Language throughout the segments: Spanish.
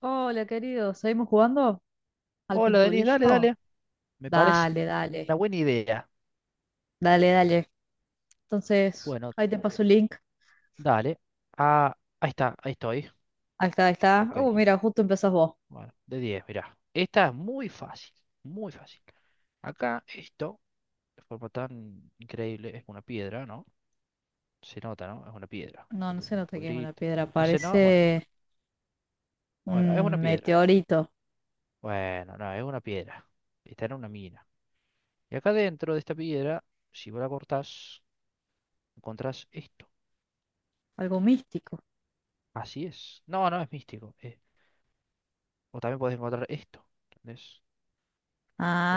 Hola, querido, ¿seguimos jugando al Hola, Denis, dale, pinturillo? dale. Me parece Dale, dale, una buena idea. dale, dale. Entonces, Bueno, ahí te paso el link. dale. Ah, ahí está, ahí estoy. Ahí está, ahí está. Ok. Mira, justo empezás vos. Bueno, de 10. Mirá. Esta es muy fácil, muy fácil. Acá esto, de forma tan increíble, es una piedra, ¿no? Se nota, ¿no? Es una piedra. No, no se Pequeño nota que es una agujerito. piedra, No sé, no, bueno, parece bueno, es una un piedra. meteorito, Bueno, no, es una piedra. Está en una mina. Y acá dentro de esta piedra, si vos la cortás, encontrás esto. algo místico. Así es. No, no es místico. O también puedes encontrar esto, ¿entendés?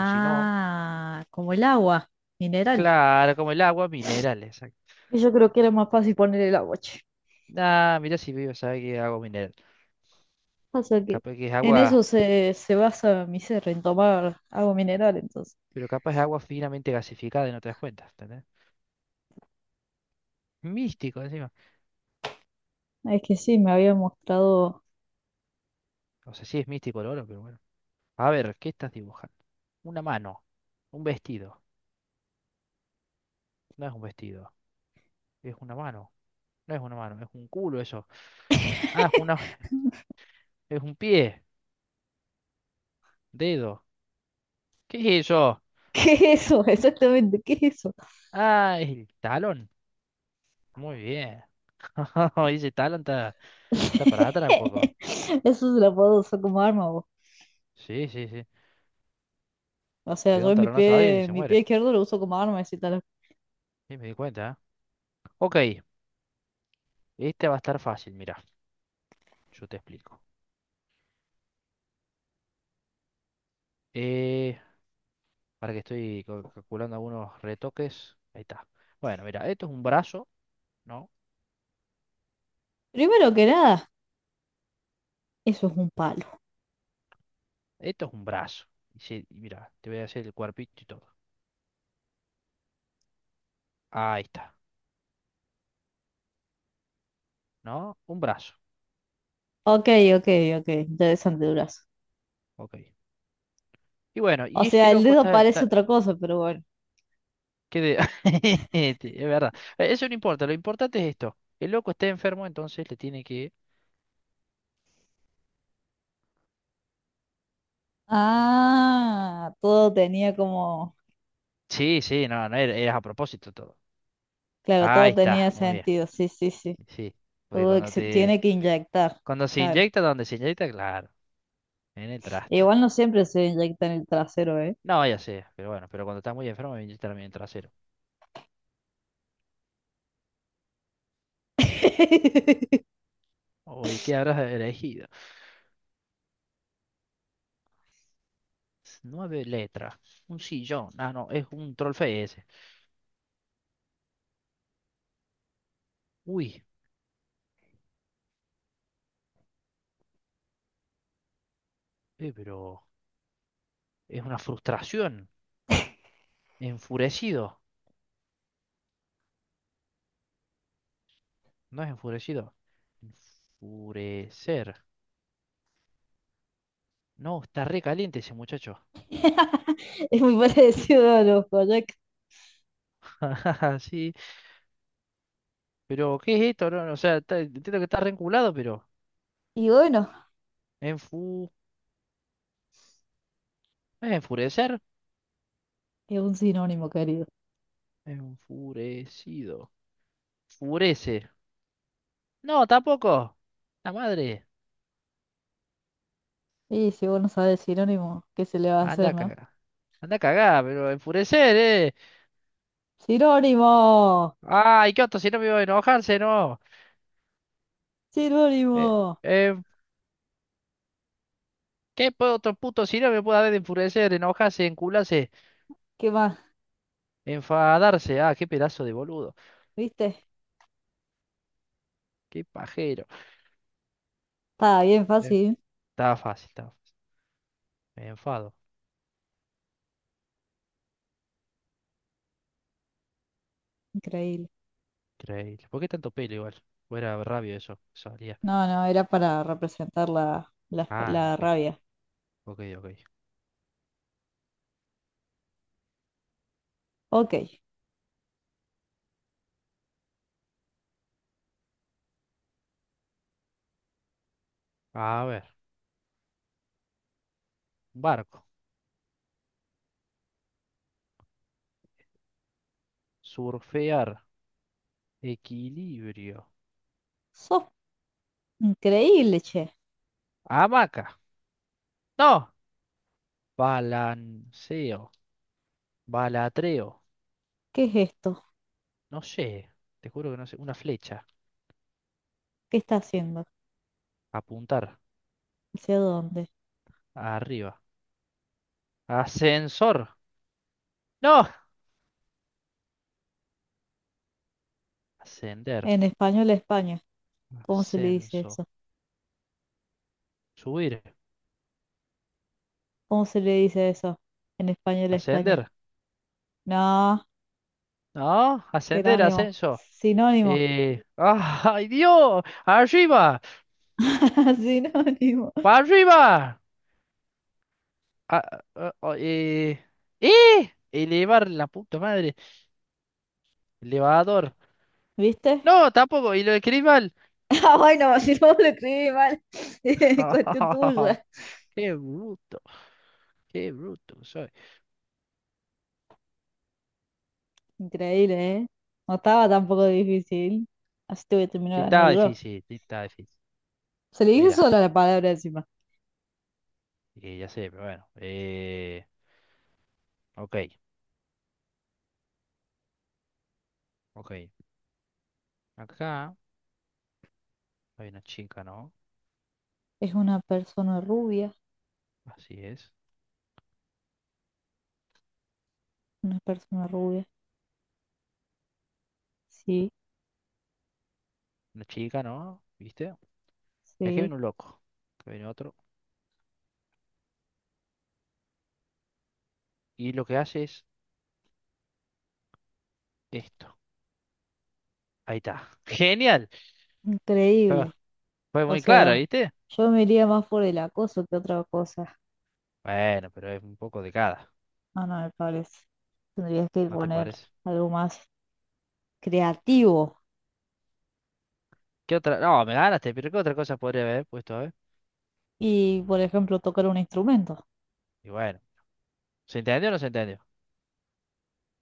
O si no, como el agua, mineral. claro, como el agua, minerales exacto. Y yo creo que era más fácil poner el agua, che. Ah, mira si vivo, sabe que es agua mineral. Pasa que Capaz que es en eso agua, se basa mi ser, en tomar agua mineral, entonces. pero capaz es agua finamente gasificada y no te das cuenta, ¿entendés? Místico encima. Es que sí, me había mostrado. O sea, sí es místico el oro, pero bueno. A ver, ¿qué estás dibujando? Una mano, un vestido. No es un vestido, es una mano. No es una mano, es un culo eso. Ah, es una, es un pie, dedo. ¿Qué es eso? ¿Qué es eso? Exactamente, ¿qué es eso? Ah, es el talón. Muy bien. Dice talón, está, está para atrás un poco. Eso se la puedo usar como arma, vos. Sí, sí, sí. O sea, Pega yo un en talonazo a alguien y se mi pie muere. izquierdo lo uso como arma, así tal. Sí, me di cuenta, ¿eh? Ok, este va a estar fácil, mira, yo te explico. Eh, para que estoy calculando algunos retoques. Ahí está. Bueno, mira, esto es un brazo, ¿no? Primero que nada, eso es un palo. Esto es un brazo. Y sí, y mira, te voy a hacer el cuerpito y todo. Ahí está, ¿no? Un brazo. Ok, ok, ok, interesante, durazo. Ok. Y bueno, O y este sea, el loco dedo está... parece está- otra cosa, pero bueno. ¿qué de- este, es verdad. Eso no importa, lo importante es esto. El loco está enfermo, entonces le tiene que... Ah, todo tenía como, Sí, sí, no, no, era a propósito todo. claro, todo Ahí tenía está, muy bien. sentido, sí, sí, sí. Sí, porque Todo que cuando se te, tiene que inyectar, cuando se claro. inyecta, donde se inyecta, claro, en el traste. Igual no siempre se inyecta en el trasero, ¿eh? No, ya sé, pero bueno, pero cuando estás muy enfermo me inyectan a mí en el trasero. Oye, ¿qué habrás elegido? Nueve letras, un sillón. Ah, no, es un trollface ese. Uy, pero es una frustración. Enfurecido. No es enfurecido. Enfurecer. No, está re caliente ese muchacho. Es muy parecido a los Boyac. Sí, pero ¿qué es esto? No, no, o sea, está- entiendo que está re enculado, pero... Y bueno, ¿Enfurecer? es un sinónimo, querido. Enfurecido. Furece. No, tampoco. La madre. Y si vos no sabes sinónimo, ¿qué se le va a Anda hacer, a no? cagar. Anda a cagar, pero enfurecer, eh. ¡Sinónimo! Ay, qué otro sinónimo de enojarse, no. ¡Sinónimo! Eh, eh, ¿Qué po- otro puto sinónimo puede haber de enfurecer, enojarse, encularse, ¿Qué más? enfadarse? Ah, qué pedazo de boludo. ¿Viste? Qué pajero. Estaba bien Eh, fácil. Estaba fácil, estaba fácil. Me enfado. Increíble. Increíble. ¿Por qué tanto pelo igual? Fuera rabio eso. Salía. No, no, era para representar la, la, Ah, la ok. rabia. Ok, ok. Ok. A ver. Barco. Surfear. Equilibrio. Sos increíble, che. Hamaca. No. Balanceo. Balatreo. ¿Qué es esto? No sé. Te juro que no sé. Una flecha. ¿Qué está haciendo? Apuntar. ¿Hacia dónde? Arriba. Ascensor. No. Ascender. En español, España. ¿Cómo se le dice Ascenso. eso? Subir. ¿Cómo se le dice eso? En español, España. Ascender. No, No. Ascender. sinónimo, Ascenso. sinónimo, ¡Ay, Dios! ¡Arriba! sinónimo. ¡Para arriba! Ah, ah, ah, eh, ¡Eh! Elevar la puta madre. Elevador. ¿Viste? No, tampoco, y lo escribí mal. Ah, bueno, si no lo escribí mal, es cuestión tuya. Qué bruto, qué bruto soy. Increíble, ¿eh? No estaba tampoco difícil. Así te voy a Sí, terminar estaba ganando yo. difícil, sí, estaba difícil. Se le dije solo Mira, la palabra encima. Ya sé, pero bueno. Ok, ok. Acá hay una chica, ¿no? Es una persona rubia, Así es. una persona rubia. Sí, Una chica, ¿no? ¿Viste? Y aquí sí. viene un loco. Aquí viene otro. Y lo que hace es esto. Ahí está. Genial. Fue, Increíble. fue O muy claro, sea, ¿viste? yo me iría más por el acoso que otra cosa. Bueno, pero es un poco de cada, Ah, no, me parece. Tendrías que ¿no te poner parece? algo más creativo. ¿Qué otra? No, me ganaste, pero ¿qué otra cosa podría haber puesto, a ver? Y, por ejemplo, tocar un instrumento. Y bueno. ¿Se entendió o no se entendió?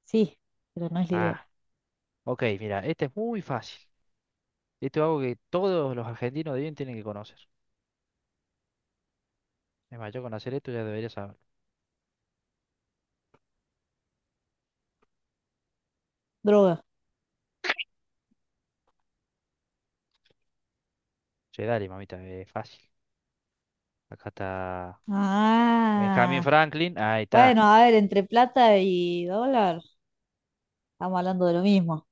Sí, pero no es la Ah, idea. ok, mira, este es muy fácil. Esto es algo que todos los argentinos de bien tienen que conocer. Es más, yo con hacer esto ya debería saberlo. Droga. Che, dale, mamita, es fácil. Acá está Benjamin Ah, Franklin, ahí está. bueno, a ver, entre plata y dólar, estamos hablando de lo mismo.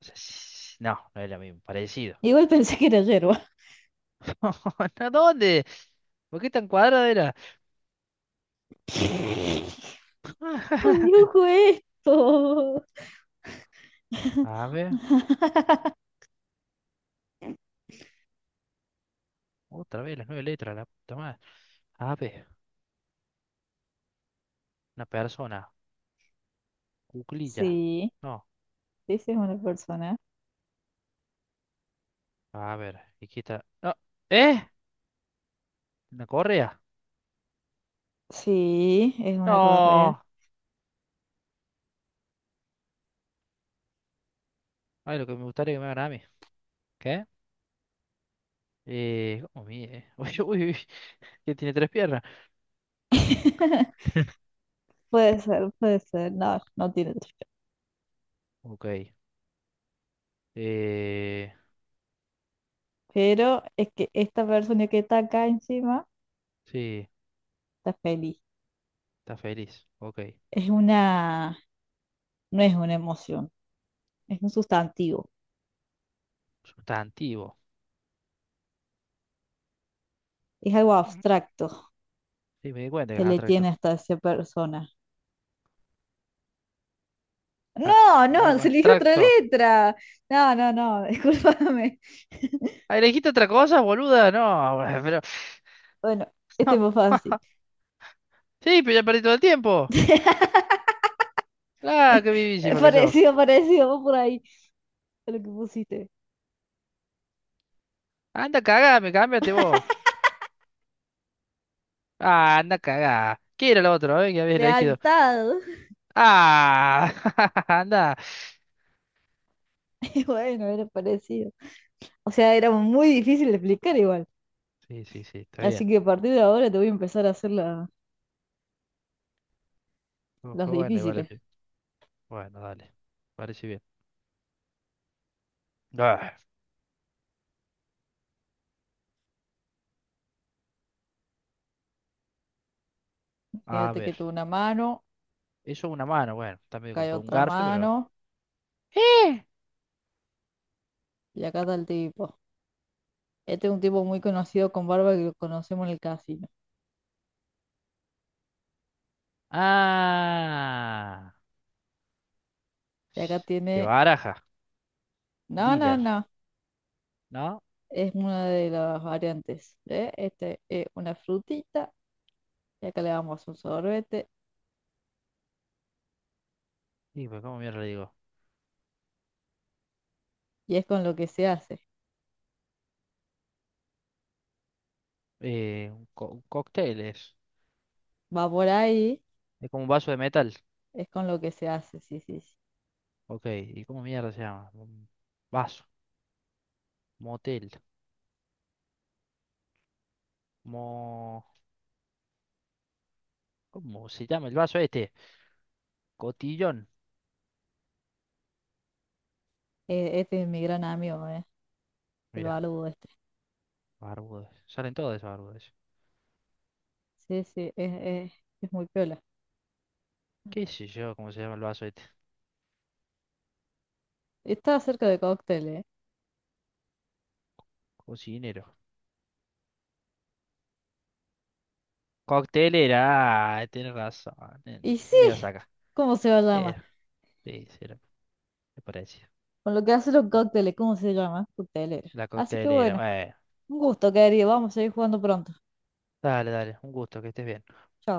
O sea, sí, no, no es lo mismo, parecido. Igual pensé que era yerba. ¿A dónde? ¿Por qué tan cuadrada era? ¿Cómo dibujo esto? A ver, otra vez las nueve letras, la puta madre. A ver, una persona, cuclilla. Sí, No, sí, sí es una persona. a ver, aquí está. No, ¿eh? ¿Una correa? Sí, es una correa. No. Ay, lo que me gustaría que me hagan a mí. ¿Qué? ¿Cómo mide? Uy, uy, uy, que tiene tres piernas. Puede ser, puede ser. No, no tiene trucha. Ok. Eh, Pero es que esta persona que está acá encima sí, está feliz. está feliz. Ok. Es una, no es una emoción. Es un sustantivo, Sustantivo. es algo Ujú. abstracto Sí, me di cuenta que que es le tiene abstracto. hasta esa persona. Ah, No, no, algo se eligió otra abstracto. letra. No, no, no, discúlpame. Ah, elegiste otra cosa, boluda. No, pero. Bueno, este es más fácil. Sí, pero ya perdí todo el tiempo. Ah, qué vivísima que sos. Parecido, parecido, vos por ahí, a lo que pusiste. Anda, cagame, cámbiate vos. Ah, anda, cagá. ¿Qué era lo otro, eh? Que habías elegido. Lealtad. Ah, anda. Y bueno, era parecido. O sea, era muy difícil de explicar igual. Sí, sí, sí, está bien. Así que a partir de ahora te voy a empezar a hacer la- Fue las fue bueno igual el difíciles. fin. Bueno, dale. Parece bien. Ah, a Fíjate que ver. tuve una mano, Eso una mano, bueno. También cae compré un otra garfio, mano, pero. ¡Eh! y acá está el tipo. Este es un tipo muy conocido con barba que lo conocemos en el casino. ¡Ah! Y acá ¡Qué tiene, baraja! no, no, Dealer, no, ¿no? es una de las variantes. ¿Eh? Este es una frutita y acá le damos un sorbete Y pues, ¿cómo mierda le digo? y es con lo que se hace. Un cóctel es. Va por ahí, Es como un vaso de metal. es con lo que se hace, sí, sí, sí. Ok, ¿y cómo mierda se llama? Un vaso. Motel. Mo... ¿Cómo se llama el vaso este? Cotillón. Este es mi gran amigo, ¿eh? El Mira, baludo este. barbudos. Salen todos esos barbudos. Sí, sí, es, es muy piola. ¿Qué sé yo cómo se llama el vaso este? Está cerca de cócteles, ¿eh? Cocinero. Coctelera. Ah, tienes razón. eh, Y sí, Le vas acá. ¿cómo se llama? Era, sí, sí, era, me parece. Con lo que hace los cócteles, ¿cómo se llama? Coctelero. La Así que coctelera. bueno. Bueno, Un gusto, querido. Vamos a seguir jugando pronto. dale, dale. Un gusto, que estés bien. Chao.